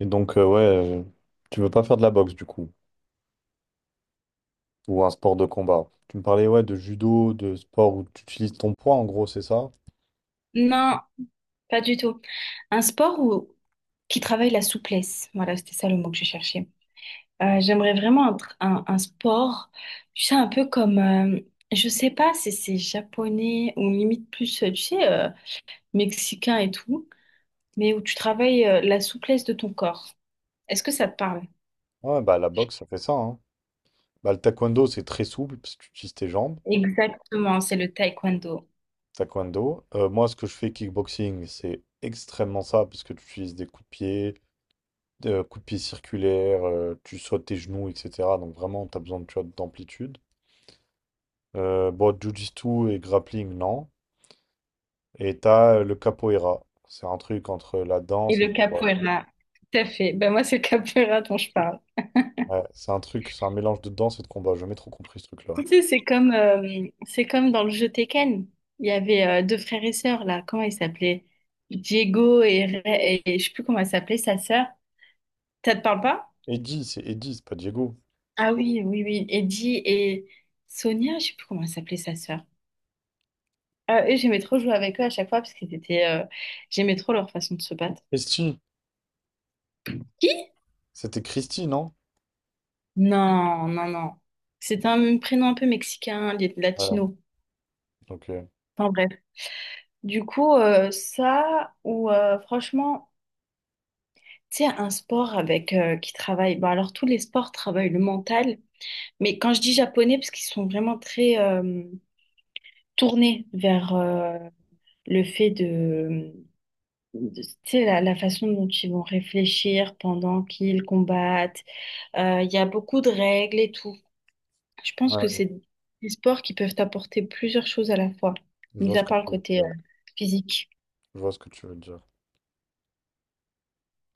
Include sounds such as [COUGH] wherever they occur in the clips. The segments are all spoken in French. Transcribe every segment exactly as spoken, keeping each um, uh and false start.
Et donc, euh, ouais, euh, tu veux pas faire de la boxe du coup, ou un sport de combat. Tu me parlais, ouais, de judo, de sport où tu utilises ton poids, en gros, c'est ça? Non, pas du tout. Un sport où... qui travaille la souplesse. Voilà, c'était ça le mot que je cherchais. Ouais, Euh, j'aimerais vraiment un, tr- un- un sport, tu sais, un peu comme, euh, je sais pas si c'est japonais ou limite plus, euh, tu sais, euh, mexicain et tout, mais où tu travailles euh, la souplesse de ton corps. Est-ce que ça te parle? ouais, bah la boxe, ça fait ça, hein. Bah, le taekwondo, c'est très souple parce que tu utilises tes jambes. Exactement, c'est le taekwondo Taekwondo. Euh, moi, ce que je fais kickboxing, c'est extrêmement ça parce que tu utilises des coups de pied, Euh, coup de pied circulaire, euh, tu sautes tes genoux, et cetera. Donc vraiment, tu as besoin de- tu vois, d'amplitude. Euh, bon, jiu-jitsu et grappling, non. Et t'as euh, le capoeira. C'est un truc entre la et danse et le le combat. capoeira. Tout à fait. Ben moi, c'est le capoeira dont je parle. Ouais, c'est un truc, c'est un mélange de danse et de combat. J'ai jamais trop compris ce truc-là. Tu sais, c'est comme, euh, c'est comme dans le jeu Tekken. Il y avait euh, deux frères et sœurs, là. Comment ils s'appelaient? Diego et, Re- et, je sais plus comment elle s'appelait, sa sœur. Ça te parle pas? Eddie, c'est Eddie, c'est pas Diego. Ah oui, oui, oui. Eddie et Sonia, je sais plus comment elle s'appelait, sa sœur. Euh, eux, j'aimais trop jouer avec eux à chaque fois parce qu'ils étaient, euh, j'aimais trop leur façon de se battre. Christy, Qui? c'était Christy, non? Non, non, non. C'était un prénom un peu mexicain, Ouais, latino. ok. Enfin bref. Du coup, euh, ça, ou euh, franchement. Tu sais, un sport avec euh, qui travaille. Bon, alors tous les sports travaillent le mental, mais quand je dis japonais, parce qu'ils sont vraiment très euh, tournés vers euh, le fait de, de- tu sais, la, la façon dont ils vont réfléchir pendant qu'ils combattent. Euh, Il y a beaucoup de règles et tout. Je pense que c'est Ouais, des sports qui peuvent apporter plusieurs choses à la fois, je mis vois ce à que part le tu veux côté euh, dire. physique. Je vois ce que tu veux dire.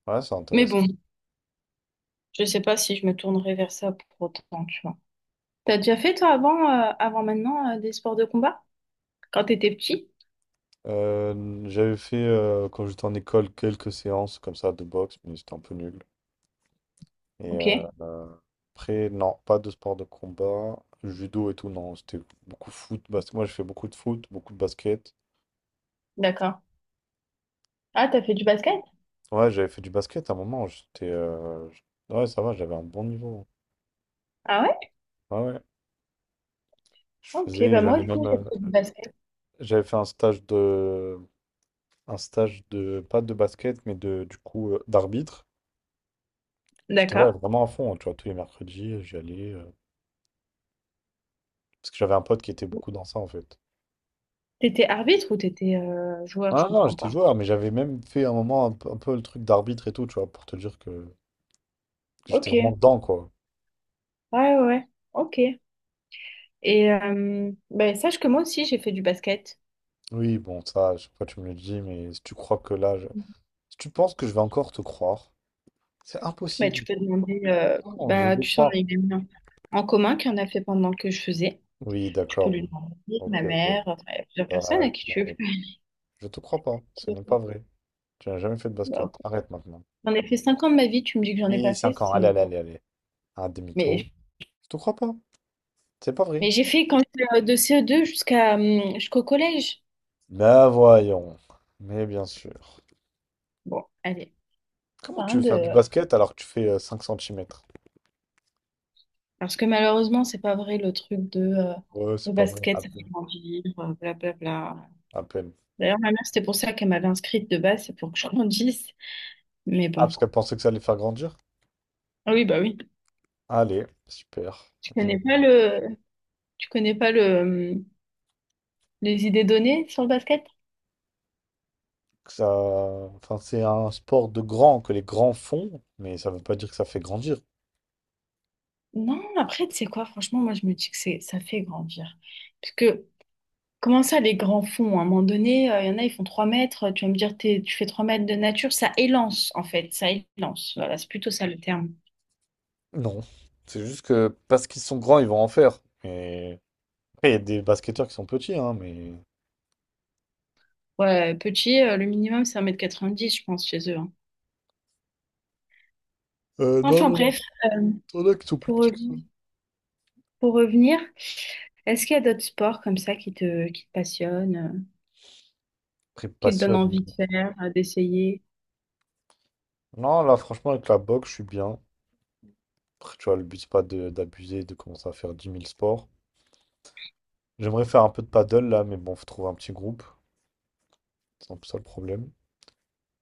Ouais, c'est Mais intéressant. bon, je sais pas si je me tournerai vers ça pour autant, tu vois. T'as déjà fait toi avant, euh, avant maintenant, euh, des sports de combat? Quand t'étais petit? Euh, j'avais fait, euh, quand j'étais en école, quelques séances comme ça de boxe, mais c'était un peu nul. Et Ok, euh, euh, après, non, pas de sport de combat. Judo et tout, non, c'était beaucoup foot, basket. Moi, j'ai fait beaucoup de foot, beaucoup de basket. d'accord. Ah, t'as fait du basket? Ouais, j'avais fait du basket à un moment. J'étais, euh, j- Ouais, ça va, j'avais un bon niveau. Ah ouais? Ouais, ouais. Je Ok, faisais, bah moi j'allais aussi même. j'ai euh, fait du basket. J'avais fait un stage de. Un stage de. Pas de basket, mais de, du coup, euh, d'arbitre. J'étais, D'accord. ouais, vraiment à fond. Tu vois, tous les mercredis, j'y allais. euh, Parce que j'avais un pote qui était beaucoup dans ça, en fait. T'étais arbitre ou t'étais euh, joueur? Je Ah non, comprends j'étais pas. joueur, mais j'avais même fait un moment un peu, un peu le truc d'arbitre et tout, tu vois, pour te dire que. Ok, J'étais vraiment ouais, dedans, quoi. ouais, ouais, ok. Et euh, ben, sache que moi aussi j'ai fait du basket. Oui, bon, ça, à chaque fois tu me le dis, mais si tu crois que là, je- si tu penses que je vais encore te croire, c'est Ben, tu impossible. peux demander, euh, Non, je bah, vais tu te sais, on a croire. une amie en en commun qui en a fait pendant que je faisais. Oui, Tu peux d'accord, lui oui. demander, Ok, ma ok. mère, enfin, il y a plusieurs personnes à D'accord, qui tu oui. Je te crois pas. Ce n'est pas vrai. Tu n'as jamais fait de basket. veux. Arrête maintenant. J'en ai fait cinq ans de ma vie, tu me dis que j'en ai Oui, pas fait, cinq ans. Allez, c'est... allez, allez, allez. Un demi-tour. Mais, Je te crois pas. C'est pas vrai. mais j'ai fait quand j'étais, euh, de C E deux jusqu'à hum, jusqu'au collège. Ben voyons. Mais bien sûr. Bon, allez, Comment pas tu rien veux faire du de... basket alors que tu fais euh, cinq centimètres? Parce que malheureusement, c'est pas vrai le truc de euh, Ouais, le c'est pas vrai. basket, À ça peine. fait grandir, euh, blablabla. À peine. D'ailleurs, ma mère, c'était pour ça qu'elle m'avait inscrite de base, c'est pour que je grandisse. Mais Ah, bon. parce qu'elle pensait que ça allait faire grandir? Ah oui, bah oui. Allez, super. Tu connais J'aime bien pas le... Tu connais pas le... hum, les idées données sur le basket? que ça. Enfin, c'est un sport de grands que les grands font, mais ça ne veut pas dire que ça fait grandir. Non, après, tu sais quoi, franchement, moi, je me dis que c'est ça fait grandir. Parce que comment ça, les grands fonds? À un moment donné, euh, il y en a, ils font trois mètres. Tu vas me dire, t'es- tu fais trois mètres de nature, ça élance, en fait. Ça élance. Voilà, c'est plutôt ça le terme. Non. C'est juste que parce qu'ils sont grands, ils vont en faire. Et après, il y a des basketteurs qui sont petits, hein, mais. Ouais, petit, euh, le minimum, c'est un mètre quatre-vingt-dix je pense, chez eux, hein. Euh, non, Enfin non, non. bref, Il y en a qui sont plus pour, petits. re- pour revenir, est-ce qu'il y a d'autres sports comme ça qui te, qui te passionnent, euh, Après, qui te donnent passionne. envie de faire, euh, d'essayer? Non, là, franchement, avec la boxe, je suis bien. Après, tu vois, le but, c'est pas de- d'abuser, de commencer à faire dix mille sports. J'aimerais faire un peu de paddle, là, mais bon, faut trouver un petit groupe. C'est un peu ça le problème.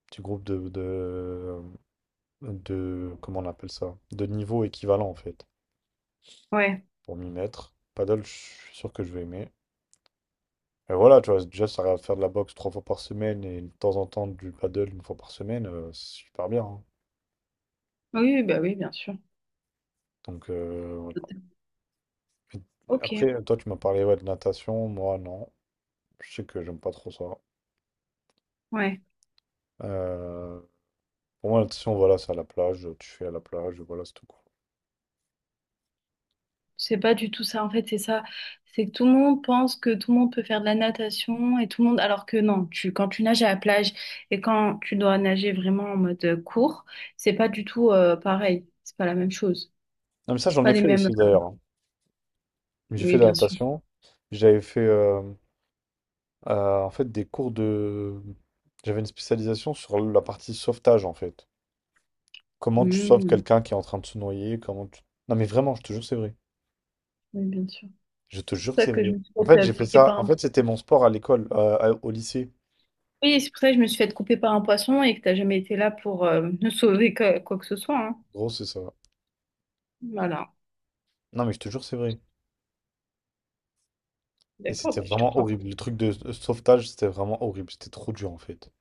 Petit groupe de de, de, comment on appelle ça, de niveau équivalent en fait, Ouais. pour m'y mettre. Paddle, je suis sûr que je vais aimer. Et voilà, tu vois, déjà, ça va faire de la boxe trois fois par semaine et de temps en temps du paddle une fois par semaine, euh, c'est super bien, hein. Oui, oui, bah oui, bien sûr. Donc, euh, voilà. Ok, Après, toi, tu m'as parlé ouais, de natation, moi, non. Je sais que j'aime pas trop ça. ouais. Euh, pour moi, la natation, voilà, c'est à la plage, tu fais à la plage, voilà, c'est tout, quoi. C'est pas du tout ça, en fait, c'est ça. C'est que tout le monde pense que tout le monde peut faire de la natation et tout le monde, alors que non, tu, quand tu nages à la plage et quand tu dois nager vraiment en mode euh, court, c'est pas du tout euh, pareil. C'est pas la même chose. Non, mais ça, C'est j'en pas ai les fait mêmes, aussi euh, d'ailleurs. J'ai Oui, fait de la bien sûr. natation. J'avais fait euh, euh, en fait des cours de. J'avais une spécialisation sur la partie sauvetage en fait. Comment tu sauves Mmh. quelqu'un qui est en train de se noyer, comment tu. Non, mais vraiment, je te jure, que c'est vrai. Oui, bien sûr. Je te C'est jure que pour ça c'est que je vrai. me suis En fait fait, euh, j'ai fait piquer ça. par En un. fait, c'était mon sport à l'école, euh, à- au lycée. Oui, c'est pour ça que je me suis fait couper par un poisson et que t'as jamais été là pour euh, [LAUGHS] me sauver que- quoi que ce soit, hein. Gros, c'est ça. Voilà. Non, mais je te jure, que c'est vrai. Et D'accord, c'était ben, je te vraiment crois pas. horrible. Le truc de de sauvetage, c'était vraiment horrible. C'était trop dur en fait.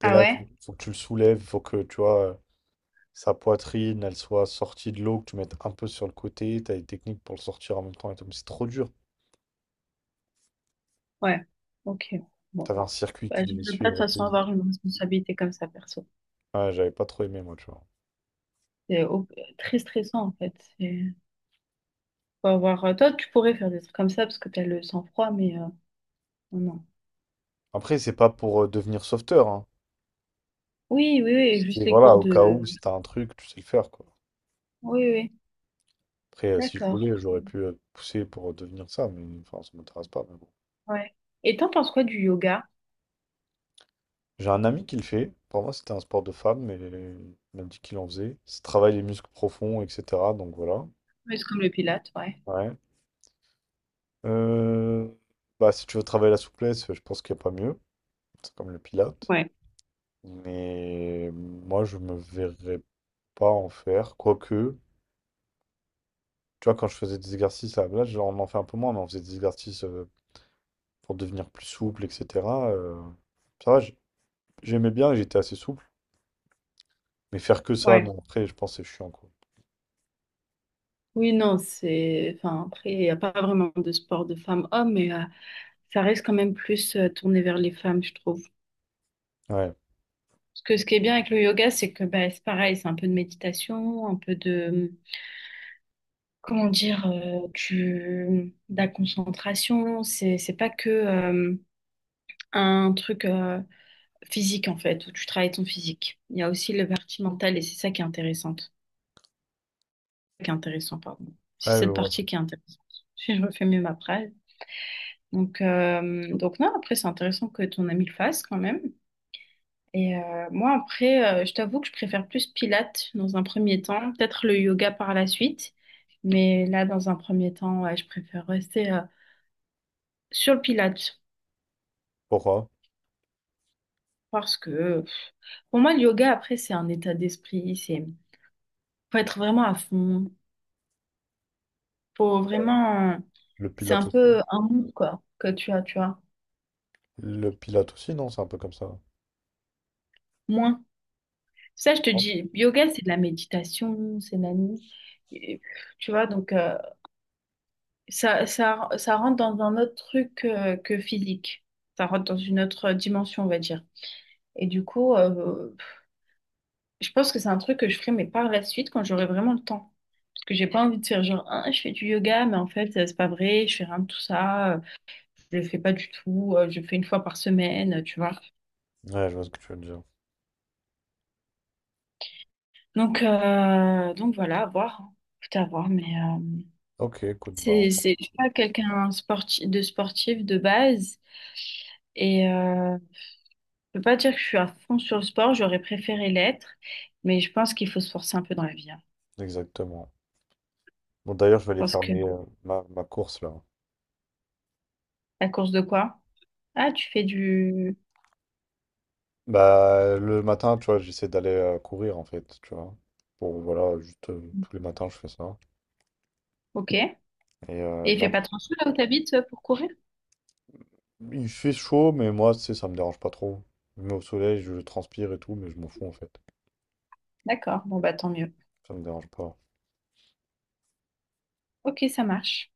T'es Ah là, ouais? il faut, que tu le soulèves, il faut que tu vois euh, sa poitrine, elle soit sortie de l'eau, que tu mettes un peu sur le côté. T'as des techniques pour le sortir en même temps et tout. Mais c'est trop dur. Ouais. Ok. Bon. T'avais un circuit que tu Bah, je ne devais veux pas de toute suivre et façon tout. avoir une responsabilité comme ça, perso. Ouais, j'avais pas trop aimé moi, tu vois. C'est au- très stressant, en fait. C'est faut avoir... euh, Toi, tu pourrais faire des trucs comme ça parce que tu as le sang-froid, mais euh, non, non. Après, c'est pas pour euh, devenir sauveteur, hein. Oui, oui, oui, juste C'était les cours voilà, au cas de... où, si t'as un truc, tu sais le faire, quoi. Oui, oui, Après, euh, si je d'accord. voulais, j'aurais pu euh, pousser pour euh, devenir ça, mais enfin, ça m'intéresse pas, mais bon. Ouais. Et t'en penses quoi du yoga? J'ai un ami qui le fait. Pour moi, c'était un sport de femme, mais il m'a dit qu'il en faisait. Ça travaille les muscles profonds, et cetera. Donc voilà. Oui, c'est comme le pilates, ouais. Ouais. Euh, Bah, si tu veux travailler la souplesse, je pense qu'il n'y a pas mieux. C'est comme le pilates. Ouais, Mais moi, je me verrais pas en faire. Quoique, tu vois, quand je faisais des exercices, à là, genre, on en fait un peu moins, mais on faisait des exercices euh, pour devenir plus souple, et cetera euh, Ça va, j- j'aimais bien et j'étais assez souple. Mais faire que ça, ouais. non. Après, je pense que c'est chiant, quoi. Oui, non, c'est... Enfin, après, il n'y a pas vraiment de sport de femmes-hommes, mais euh, ça reste quand même plus euh, tourné vers les femmes, je trouve. Ouais. Parce que ce qui est bien avec le yoga, c'est que bah, c'est pareil, c'est un peu de méditation, un peu de... comment dire, euh, du, de la concentration. C'est, c'est pas que euh, un truc euh, physique, en fait, où tu travailles ton physique. Il y a aussi la partie mentale et c'est ça qui est intéressante. Qui est intéressant, pardon. Ouais, C'est je cette vois. partie qui est intéressante. [LAUGHS] Si je refais mieux ma phrase. Donc, euh, donc non, après, c'est intéressant que ton ami le fasse quand même. Et euh, moi, après, euh, je t'avoue que je préfère plus Pilates dans un premier temps, peut-être le yoga par la suite. Mais là, dans un premier temps, ouais, je préfère rester euh, sur le Pilates. Pourquoi? Parce que pour moi, le yoga, après, c'est un état d'esprit. C'est faut être vraiment à fond. Faut vraiment. Le C'est un Pilate aussi, peu non. un mood, quoi, que tu as, tu vois. Le Pilate aussi, non, c'est un peu comme ça. Moins. Ça, je te Non. dis, yoga, c'est de la méditation, c'est nani. Et, tu vois, donc, euh, ça, ça, ça rentre dans un autre truc euh, que physique. Ça rentre dans une autre dimension, on va dire. Et du coup, euh, je pense que c'est un truc que je ferai, mais par la suite, quand j'aurai vraiment le temps. Que j'ai pas envie de faire genre ah, je fais du yoga mais en fait euh, c'est pas vrai je fais rien de tout ça euh, je le fais pas du tout euh, je le fais une fois par semaine euh, tu vois Ouais, je vois ce que tu veux dire. donc euh, donc voilà à voir hein. Tout à voir mais euh, Ok, écoute, bah, c'est c'est je suis pas quelqu'un sportif de sportif de base et euh, je peux pas dire que je suis à fond sur le sport j'aurais préféré l'être mais je pense qu'il faut se forcer un peu dans la vie hein. exactement. Bon, d'ailleurs, je vais Je aller pense faire que mes, euh, ma, ma course là. la course de quoi ah tu fais du Bah, le matin, tu vois, j'essaie d'aller euh, courir en fait, tu vois. Bon, voilà, juste euh, tous les matins, je fais ça. ok et Et euh, il fait là, pas trop chaud là où t'habites euh, pour courir il fait chaud, mais moi, tu sais, ça me dérange pas trop. Je me mets au soleil, je transpire et tout, mais je m'en fous en fait. D'accord, bon bah tant mieux. Ça me dérange pas. Ok, ça marche.